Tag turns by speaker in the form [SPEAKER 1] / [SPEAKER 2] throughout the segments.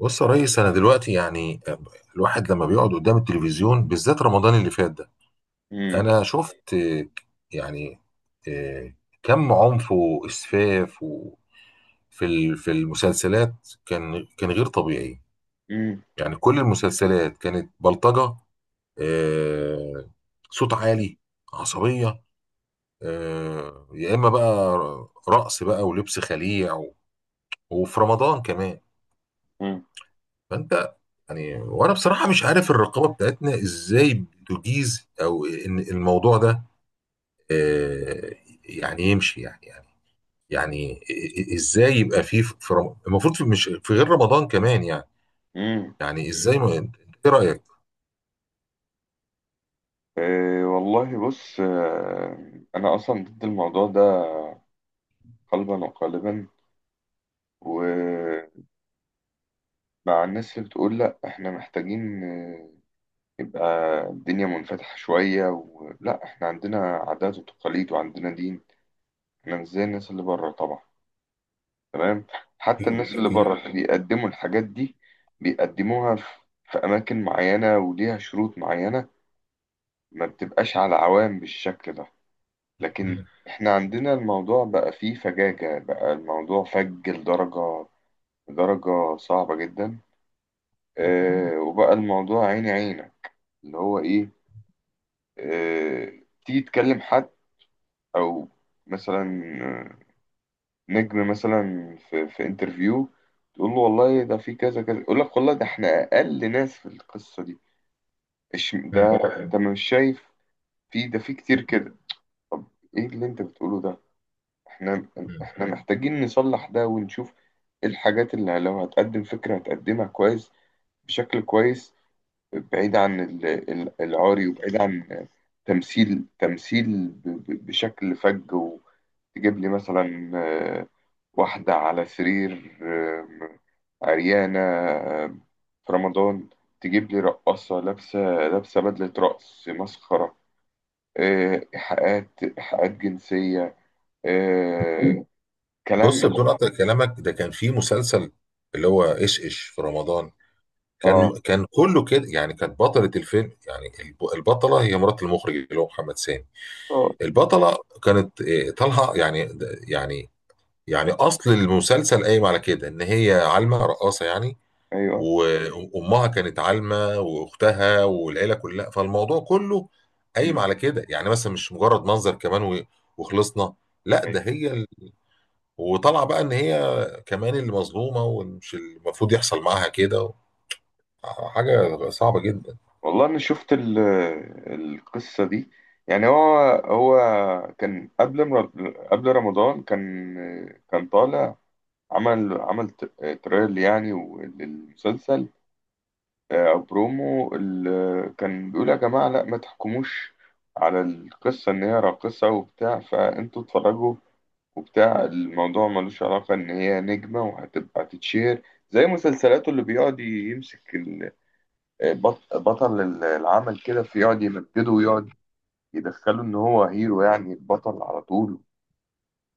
[SPEAKER 1] بص يا ريس. انا دلوقتي يعني الواحد لما بيقعد قدام التلفزيون بالذات رمضان اللي فات ده
[SPEAKER 2] امم
[SPEAKER 1] انا شفت يعني آه، كم عنف واسفاف في المسلسلات كان غير طبيعي.
[SPEAKER 2] امم
[SPEAKER 1] يعني كل المسلسلات كانت بلطجة، آه، صوت عالي، عصبية، يا اما بقى رقص بقى ولبس خليع وفي رمضان كمان. فانت يعني وانا بصراحه مش عارف الرقابه بتاعتنا ازاي بتجيز او ان الموضوع ده آه، يعني يمشي يعني إ- ازاي يبقى فيه في رم... المفروض مش في غير رمضان كمان يعني.
[SPEAKER 2] امم
[SPEAKER 1] يعني ازاي ما... انت- ايه رايك؟
[SPEAKER 2] إيه والله، بص، انا اصلا ضد الموضوع ده قلبا وقالبا، ومع الناس اللي بتقول لا احنا محتاجين. يبقى الدنيا منفتحة شوية، ولا احنا عندنا عادات وتقاليد وعندنا دين؟ احنا مش زي الناس اللي بره طبعا، تمام. حتى
[SPEAKER 1] اكيد
[SPEAKER 2] الناس اللي بره
[SPEAKER 1] اكيد.
[SPEAKER 2] اللي بيقدموا الحاجات دي بيقدموها في اماكن معينة وليها شروط معينة، ما بتبقاش على عوام بالشكل ده. لكن
[SPEAKER 1] مم.
[SPEAKER 2] احنا عندنا الموضوع بقى فيه فجاجة، بقى الموضوع فج لدرجة صعبة جدا. اه، وبقى الموضوع عيني عينة، اللي هو ايه؟ اه، تيجي تكلم حد، او مثلا آه، نجم مثلا في انترفيو، تقول له والله ده في كذا كذا، يقول لك والله ده احنا اقل ناس في القصة دي. ده
[SPEAKER 1] مم.
[SPEAKER 2] انت مش شايف؟ في ده، في كتير كده. طب، ايه اللي انت بتقوله ده؟ احنا
[SPEAKER 1] مم.
[SPEAKER 2] احنا محتاجين نصلح ده ونشوف ايه الحاجات اللي لو هتقدم فكرة هتقدمها كويس، بشكل كويس، بعيد عن العاري، وبعيد عن تمثيل بشكل فج. وتجيب لي مثلا واحدة على سرير، عريانة، آم، في رمضان. تجيب لي رقاصة لابسة بدلة رقص مسخرة، إيحاءات جنسية، آه، كلام.
[SPEAKER 1] بص بدون قطع كلامك، ده كان في مسلسل اللي هو ايش في رمضان،
[SPEAKER 2] اه،
[SPEAKER 1] كان كله كده. يعني كانت بطلة الفيلم، يعني البطلة، هي مرات المخرج اللي هو محمد سامي.
[SPEAKER 2] اه،
[SPEAKER 1] البطلة كانت طالعة يعني. يعني أصل المسلسل قايم على كده، إن هي عالمة رقاصة يعني،
[SPEAKER 2] ايوه،
[SPEAKER 1] وأمها كانت عالمة وأختها والعيلة كلها. فالموضوع كله قايم
[SPEAKER 2] امم،
[SPEAKER 1] على كده يعني، مثلا مش مجرد منظر كمان وخلصنا، لا ده
[SPEAKER 2] ايوه.
[SPEAKER 1] هي ال... وطالعة بقى إن هي كمان اللي مظلومة ومش المفروض يحصل معاها كده و... حاجة صعبة جدا.
[SPEAKER 2] والله انا شفت القصه دي. يعني هو كان قبل رمضان، كان طالع. عمل تريل يعني للمسلسل، او برومو. كان بيقول يا جماعه، لا ما تحكموش على القصه ان هي راقصه وبتاع، فانتوا اتفرجوا وبتاع. الموضوع ملوش علاقه، ان هي نجمه وهتبقى تتشير زي مسلسلاته، اللي بيقعد يمسك بطل العمل كده، في يقعد يمجده ويقعد يدخله ان هو هيرو، يعني البطل على طول،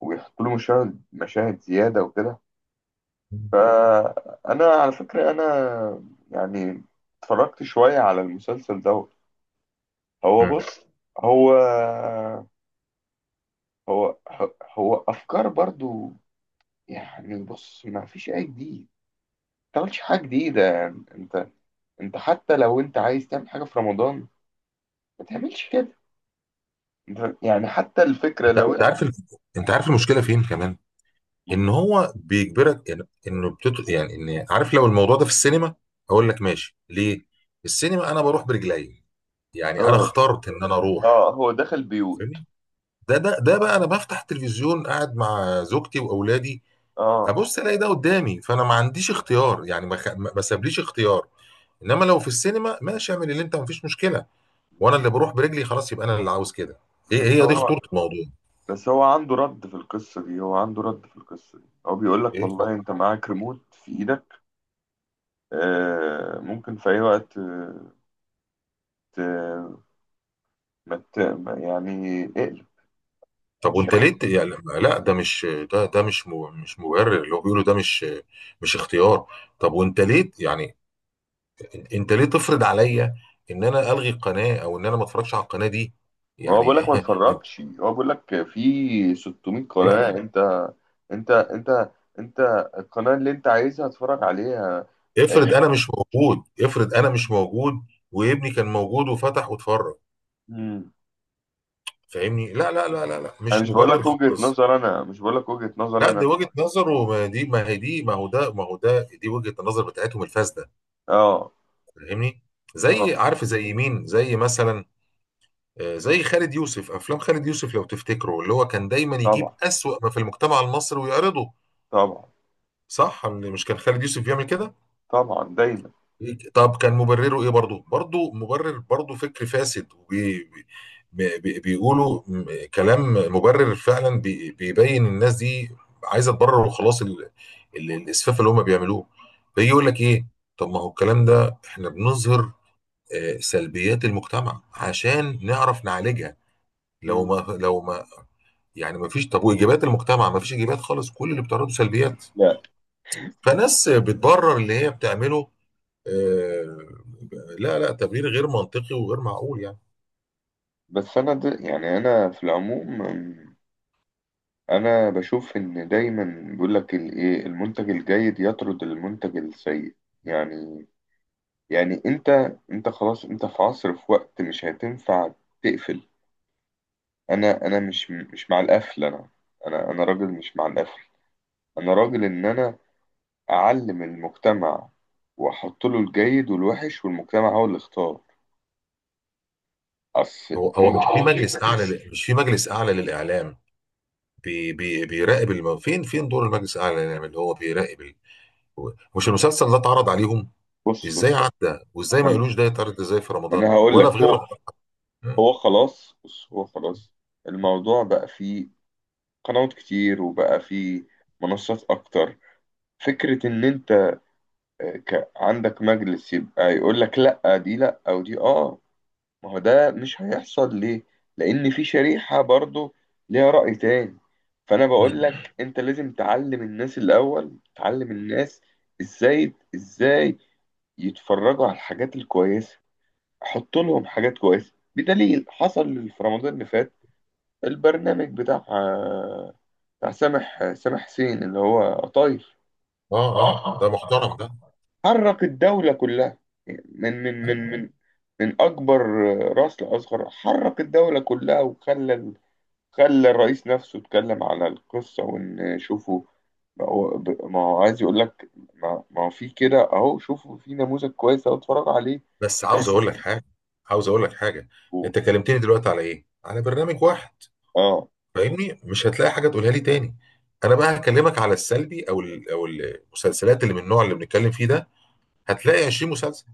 [SPEAKER 2] ويحط له مشاهد زيادة وكده. فانا على فكرة انا يعني اتفرجت شوية على المسلسل دوت. هو،
[SPEAKER 1] مم.
[SPEAKER 2] بص، هو هو هو افكار برضو، يعني. بص، ما فيش اي جديد، ما تعملش حاجة جديدة. يعني انت، حتى لو انت عايز تعمل حاجة في رمضان، ما تعملش كده. يعني حتى الفكرة
[SPEAKER 1] انت
[SPEAKER 2] لو...
[SPEAKER 1] أنت عارف ال... انت عارف المشكلة فين كمان. ان هو بيجبرك إن- انه بتط... يعني ان عارف، لو الموضوع ده في السينما اقول لك ماشي، ليه؟ السينما انا بروح برجلي، يعني انا
[SPEAKER 2] اه،
[SPEAKER 1] اخترت ان انا اروح.
[SPEAKER 2] اه، هو دخل بيوت،
[SPEAKER 1] فاهمني؟ ده بقى انا بفتح التلفزيون قاعد مع زوجتي واولادي،
[SPEAKER 2] اه.
[SPEAKER 1] ابص الاقي ده قدامي، فانا ما عنديش اختيار، يعني ما سابليش اختيار. انما لو في السينما ماشي، اعمل اللي انت ما فيش مشكله، وانا اللي بروح برجلي، خلاص يبقى انا اللي عاوز كده. ايه
[SPEAKER 2] بس
[SPEAKER 1] هي دي
[SPEAKER 2] هو
[SPEAKER 1] خطوره الموضوع.
[SPEAKER 2] بس هو عنده رد في القصة دي، هو بيقول لك
[SPEAKER 1] ايه؟
[SPEAKER 2] والله انت معاك ريموت في ايدك، آه ممكن في اي وقت، ت... ما ت... ما- يعني اقلب.
[SPEAKER 1] طب وانت ليه يعني لا ده مش، ده ده مش مش مبرر، اللي هو بيقوله ده مش مش اختيار. طب وانت ليه يعني، انت ليه تفرض عليا ان انا الغي القناه، او ان انا ما اتفرجش على القناه دي
[SPEAKER 2] هو بيقول لك
[SPEAKER 1] يعني؟
[SPEAKER 2] ما تتفرجش، هو بيقول لك في 600
[SPEAKER 1] لا
[SPEAKER 2] قناة،
[SPEAKER 1] لا.
[SPEAKER 2] انت انت انت القناة اللي انت عايزها اتفرج عليها.
[SPEAKER 1] افرض
[SPEAKER 2] آه.
[SPEAKER 1] انا مش موجود، افرض انا مش موجود وابني كان موجود وفتح واتفرج.
[SPEAKER 2] مم.
[SPEAKER 1] فاهمني؟ لا، مش مبرر خالص.
[SPEAKER 2] انا مش بقول لك وجهة نظر،
[SPEAKER 1] لا دي
[SPEAKER 2] انا.
[SPEAKER 1] وجهه نظر، وما دي ما هي دي ما هو ده ما هو ده دي وجهه النظر بتاعتهم الفاسده.
[SPEAKER 2] اه.
[SPEAKER 1] فاهمني؟
[SPEAKER 2] آه.
[SPEAKER 1] زي، عارف، زي مين، زي مثلا زي خالد يوسف. افلام خالد يوسف لو تفتكروا، اللي هو كان دايما يجيب
[SPEAKER 2] طبعا،
[SPEAKER 1] اسوأ ما في المجتمع المصري ويعرضه.
[SPEAKER 2] طبعا،
[SPEAKER 1] صح؟ اللي مش كان خالد يوسف بيعمل كده.
[SPEAKER 2] طبعا، دايما.
[SPEAKER 1] طب كان مبرره ايه؟ برضه برضه مبرر، برضه فكر فاسد بيقولوا كلام مبرر فعلا، بيبين الناس دي عايزه تبرر وخلاص ال- الاسفاف اللي هم بيعملوه. فيجي يقول لك ايه، طب ما هو الكلام ده احنا بنظهر سلبيات المجتمع عشان نعرف نعالجها. لو
[SPEAKER 2] مم.
[SPEAKER 1] ما لو ما يعني مفيش. طب واجابات المجتمع؟ مفيش اجابات خالص، كل اللي بتعرضه سلبيات.
[SPEAKER 2] لا.
[SPEAKER 1] فناس بتبرر اللي هي بتعمله. آه، لا لا، تبرير غير منطقي وغير معقول يعني.
[SPEAKER 2] بس انا يعني، انا في العموم، انا بشوف ان دايما بيقول لك الايه، المنتج الجيد يطرد المنتج السيء، يعني يعني انت خلاص، انت في عصر، في وقت مش هتنفع تقفل. انا مش مع القفل، انا. انا راجل مش مع القفل، انا راجل ان انا اعلم المجتمع، واحط له الجيد والوحش، والمجتمع هو اللي اختار. اصل...
[SPEAKER 1] هو مش في مجلس اعلى مش في مجلس اعلى للاعلام بي بي بيراقب الم... فين فين دور المجلس الاعلى للاعلام اللي هو بيراقب ال... مش المسلسل ده اتعرض عليهم؟
[SPEAKER 2] بص، بص،
[SPEAKER 1] ازاي
[SPEAKER 2] بص.
[SPEAKER 1] عدى؟ وازاي
[SPEAKER 2] ما
[SPEAKER 1] ما
[SPEAKER 2] انا
[SPEAKER 1] قالوش ده يتعرض ازاي في
[SPEAKER 2] ما
[SPEAKER 1] رمضان
[SPEAKER 2] أنا هقول
[SPEAKER 1] ولا في
[SPEAKER 2] لك.
[SPEAKER 1] غير رمضان؟ مم.
[SPEAKER 2] هو خلاص، بص هو خلاص. الموضوع بقى فيه قنوات كتير، وبقى فيه منصات اكتر. فكرة ان انت عندك مجلس يبقى يقول لك لا دي لا او دي اه، ما هو ده مش هيحصل. ليه؟ لان في شريحة برضو ليها رأي تاني. فانا بقول
[SPEAKER 1] مم.
[SPEAKER 2] لك، انت لازم تعلم الناس الاول. تعلم الناس ازاي يتفرجوا على الحاجات الكويسة، حط لهم حاجات كويسة. بدليل حصل في رمضان اللي فات، البرنامج بتاع سامح حسين، اللي هو قطايف.
[SPEAKER 1] اه اه،
[SPEAKER 2] اه،
[SPEAKER 1] ده
[SPEAKER 2] اه.
[SPEAKER 1] محترم ده.
[SPEAKER 2] حرك الدولة كلها من من من من من أكبر رأس لأصغر، حرك الدولة كلها، وخلى خلى الرئيس نفسه اتكلم على القصة، وإن شوفوا. ما هو عايز يقول لك ما هو في كده، أهو شوفوا في نموذج كويس، أهو اتفرجوا عليه.
[SPEAKER 1] بس عاوز
[SPEAKER 2] بس.
[SPEAKER 1] اقول لك حاجه، عاوز اقول لك حاجه،
[SPEAKER 2] و-
[SPEAKER 1] انت كلمتني دلوقتي على ايه؟ على برنامج واحد.
[SPEAKER 2] اه،
[SPEAKER 1] فاهمني؟ مش هتلاقي حاجه تقولها لي تاني. انا بقى هكلمك على السلبي او المسلسلات اللي من النوع اللي بنتكلم فيه ده، هتلاقي 20 مسلسل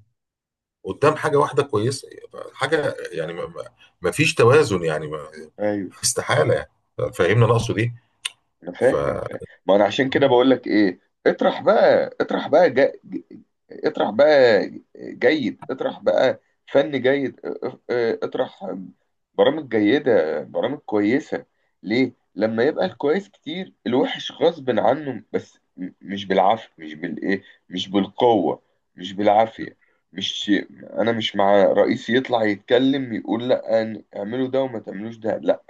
[SPEAKER 1] قدام حاجه واحده كويسه. حاجه يعني ما فيش توازن يعني، ما
[SPEAKER 2] ايوه.
[SPEAKER 1] استحاله يعني. فاهمني انا اقصد ايه؟
[SPEAKER 2] انا
[SPEAKER 1] ف
[SPEAKER 2] فاهم، انا فاهم. ما انا عشان كده بقول لك ايه، اطرح بقى اطرح بقى جا... اطرح بقى جيد. اطرح بقى فن جيد. اه، اطرح برامج جيدة، برامج كويسة. ليه لما يبقى الكويس كتير، الوحش غصب عنه. بس مش بالعافية، مش بالقوة، مش بالعافية. مش انا مش مع رئيس يطلع يتكلم يقول لا، اعملوا ده وما تعملوش ده، لا،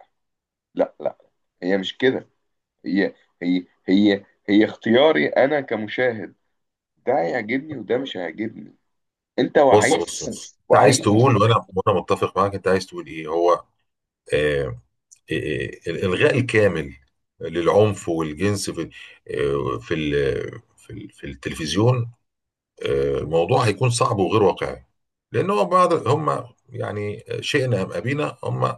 [SPEAKER 2] لا، لا. هي مش كده، هي هي اختياري انا كمشاهد، ده هيعجبني وده مش هيعجبني. انت
[SPEAKER 1] بص بص بص انت عايز
[SPEAKER 2] وعيت؟
[SPEAKER 1] تقول، وانا متفق معاك، انت عايز تقول ايه. هو آه، الإلغاء الكامل للعنف والجنس في في التلفزيون، موضوع هيكون صعب وغير واقعي. لأن هو بعض هم، يعني شئنا أم أبينا، هم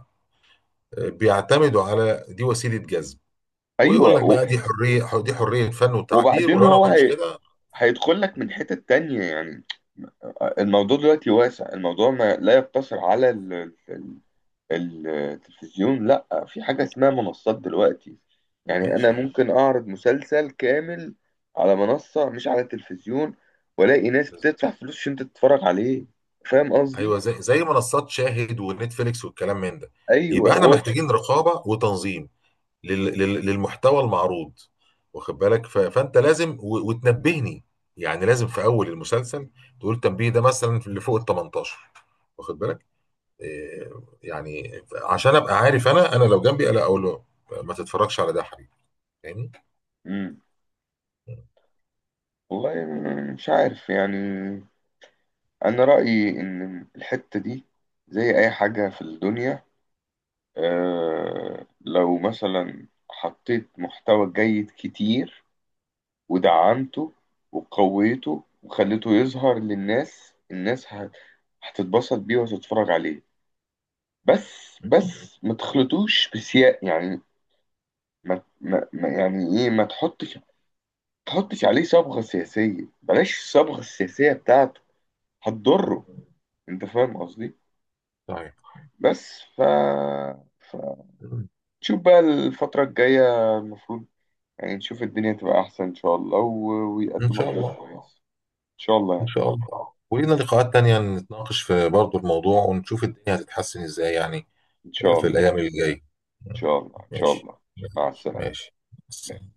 [SPEAKER 1] بيعتمدوا على دي وسيلة جذب.
[SPEAKER 2] ايوه.
[SPEAKER 1] ويقول لك بقى دي حرية، دي حرية فن وتعبير،
[SPEAKER 2] وبعدين
[SPEAKER 1] ولو أنا ما
[SPEAKER 2] هو
[SPEAKER 1] عملتش كده.
[SPEAKER 2] هيدخل لك من حتة تانية، يعني الموضوع دلوقتي واسع. الموضوع ما لا يقتصر على التلفزيون. لا، في حاجة اسمها منصات دلوقتي. يعني انا
[SPEAKER 1] ماشي.
[SPEAKER 2] ممكن اعرض مسلسل كامل على منصة مش على التلفزيون، والاقي ناس بتدفع فلوس عشان تتفرج عليه. فاهم قصدي؟
[SPEAKER 1] أيوه، زي زي منصات شاهد ونتفليكس والكلام من ده.
[SPEAKER 2] ايوه.
[SPEAKER 1] يبقى احنا
[SPEAKER 2] واتش.
[SPEAKER 1] محتاجين رقابة وتنظيم للمحتوى المعروض، واخد بالك؟ فانت لازم وتنبهني. يعني لازم في اول المسلسل تقول تنبيه، ده مثلا في اللي فوق ال 18، واخد بالك؟ إيه، يعني عشان ابقى عارف انا، لو جنبي انا اقول له ما تتفرجش على ده يا حبيبي. فاهمني؟
[SPEAKER 2] امم. والله مش عارف يعني. انا رايي ان الحته دي زي اي حاجه في الدنيا. لو مثلا حطيت محتوى جيد كتير، ودعمته وقويته وخليته يظهر للناس. الناس هتتبسط بيه وهتتفرج عليه. بس ما تخلطوش بسياق، يعني يعني ايه، ما تحطش عليه صبغة سياسية، بلاش الصبغة السياسية بتاعت، هتضره. انت فاهم قصدي؟
[SPEAKER 1] طيب.
[SPEAKER 2] بس. فتشوف بقى الفترة الجاية. المفروض يعني نشوف الدنيا تبقى أحسن إن شاء الله،
[SPEAKER 1] ان
[SPEAKER 2] ويقدموا
[SPEAKER 1] شاء
[SPEAKER 2] حاجات
[SPEAKER 1] الله.
[SPEAKER 2] كويسة. إن شاء الله،
[SPEAKER 1] ان
[SPEAKER 2] يعني.
[SPEAKER 1] شاء الله. ولينا لقاءات تانية نتناقش في برضه الموضوع، ونشوف الدنيا هتتحسن ازاي يعني،
[SPEAKER 2] إن شاء
[SPEAKER 1] في
[SPEAKER 2] الله،
[SPEAKER 1] الايام اللي جايه.
[SPEAKER 2] إن شاء الله، إن شاء
[SPEAKER 1] ماشي.
[SPEAKER 2] الله. مع السلامة.
[SPEAKER 1] ماشي. ماشي.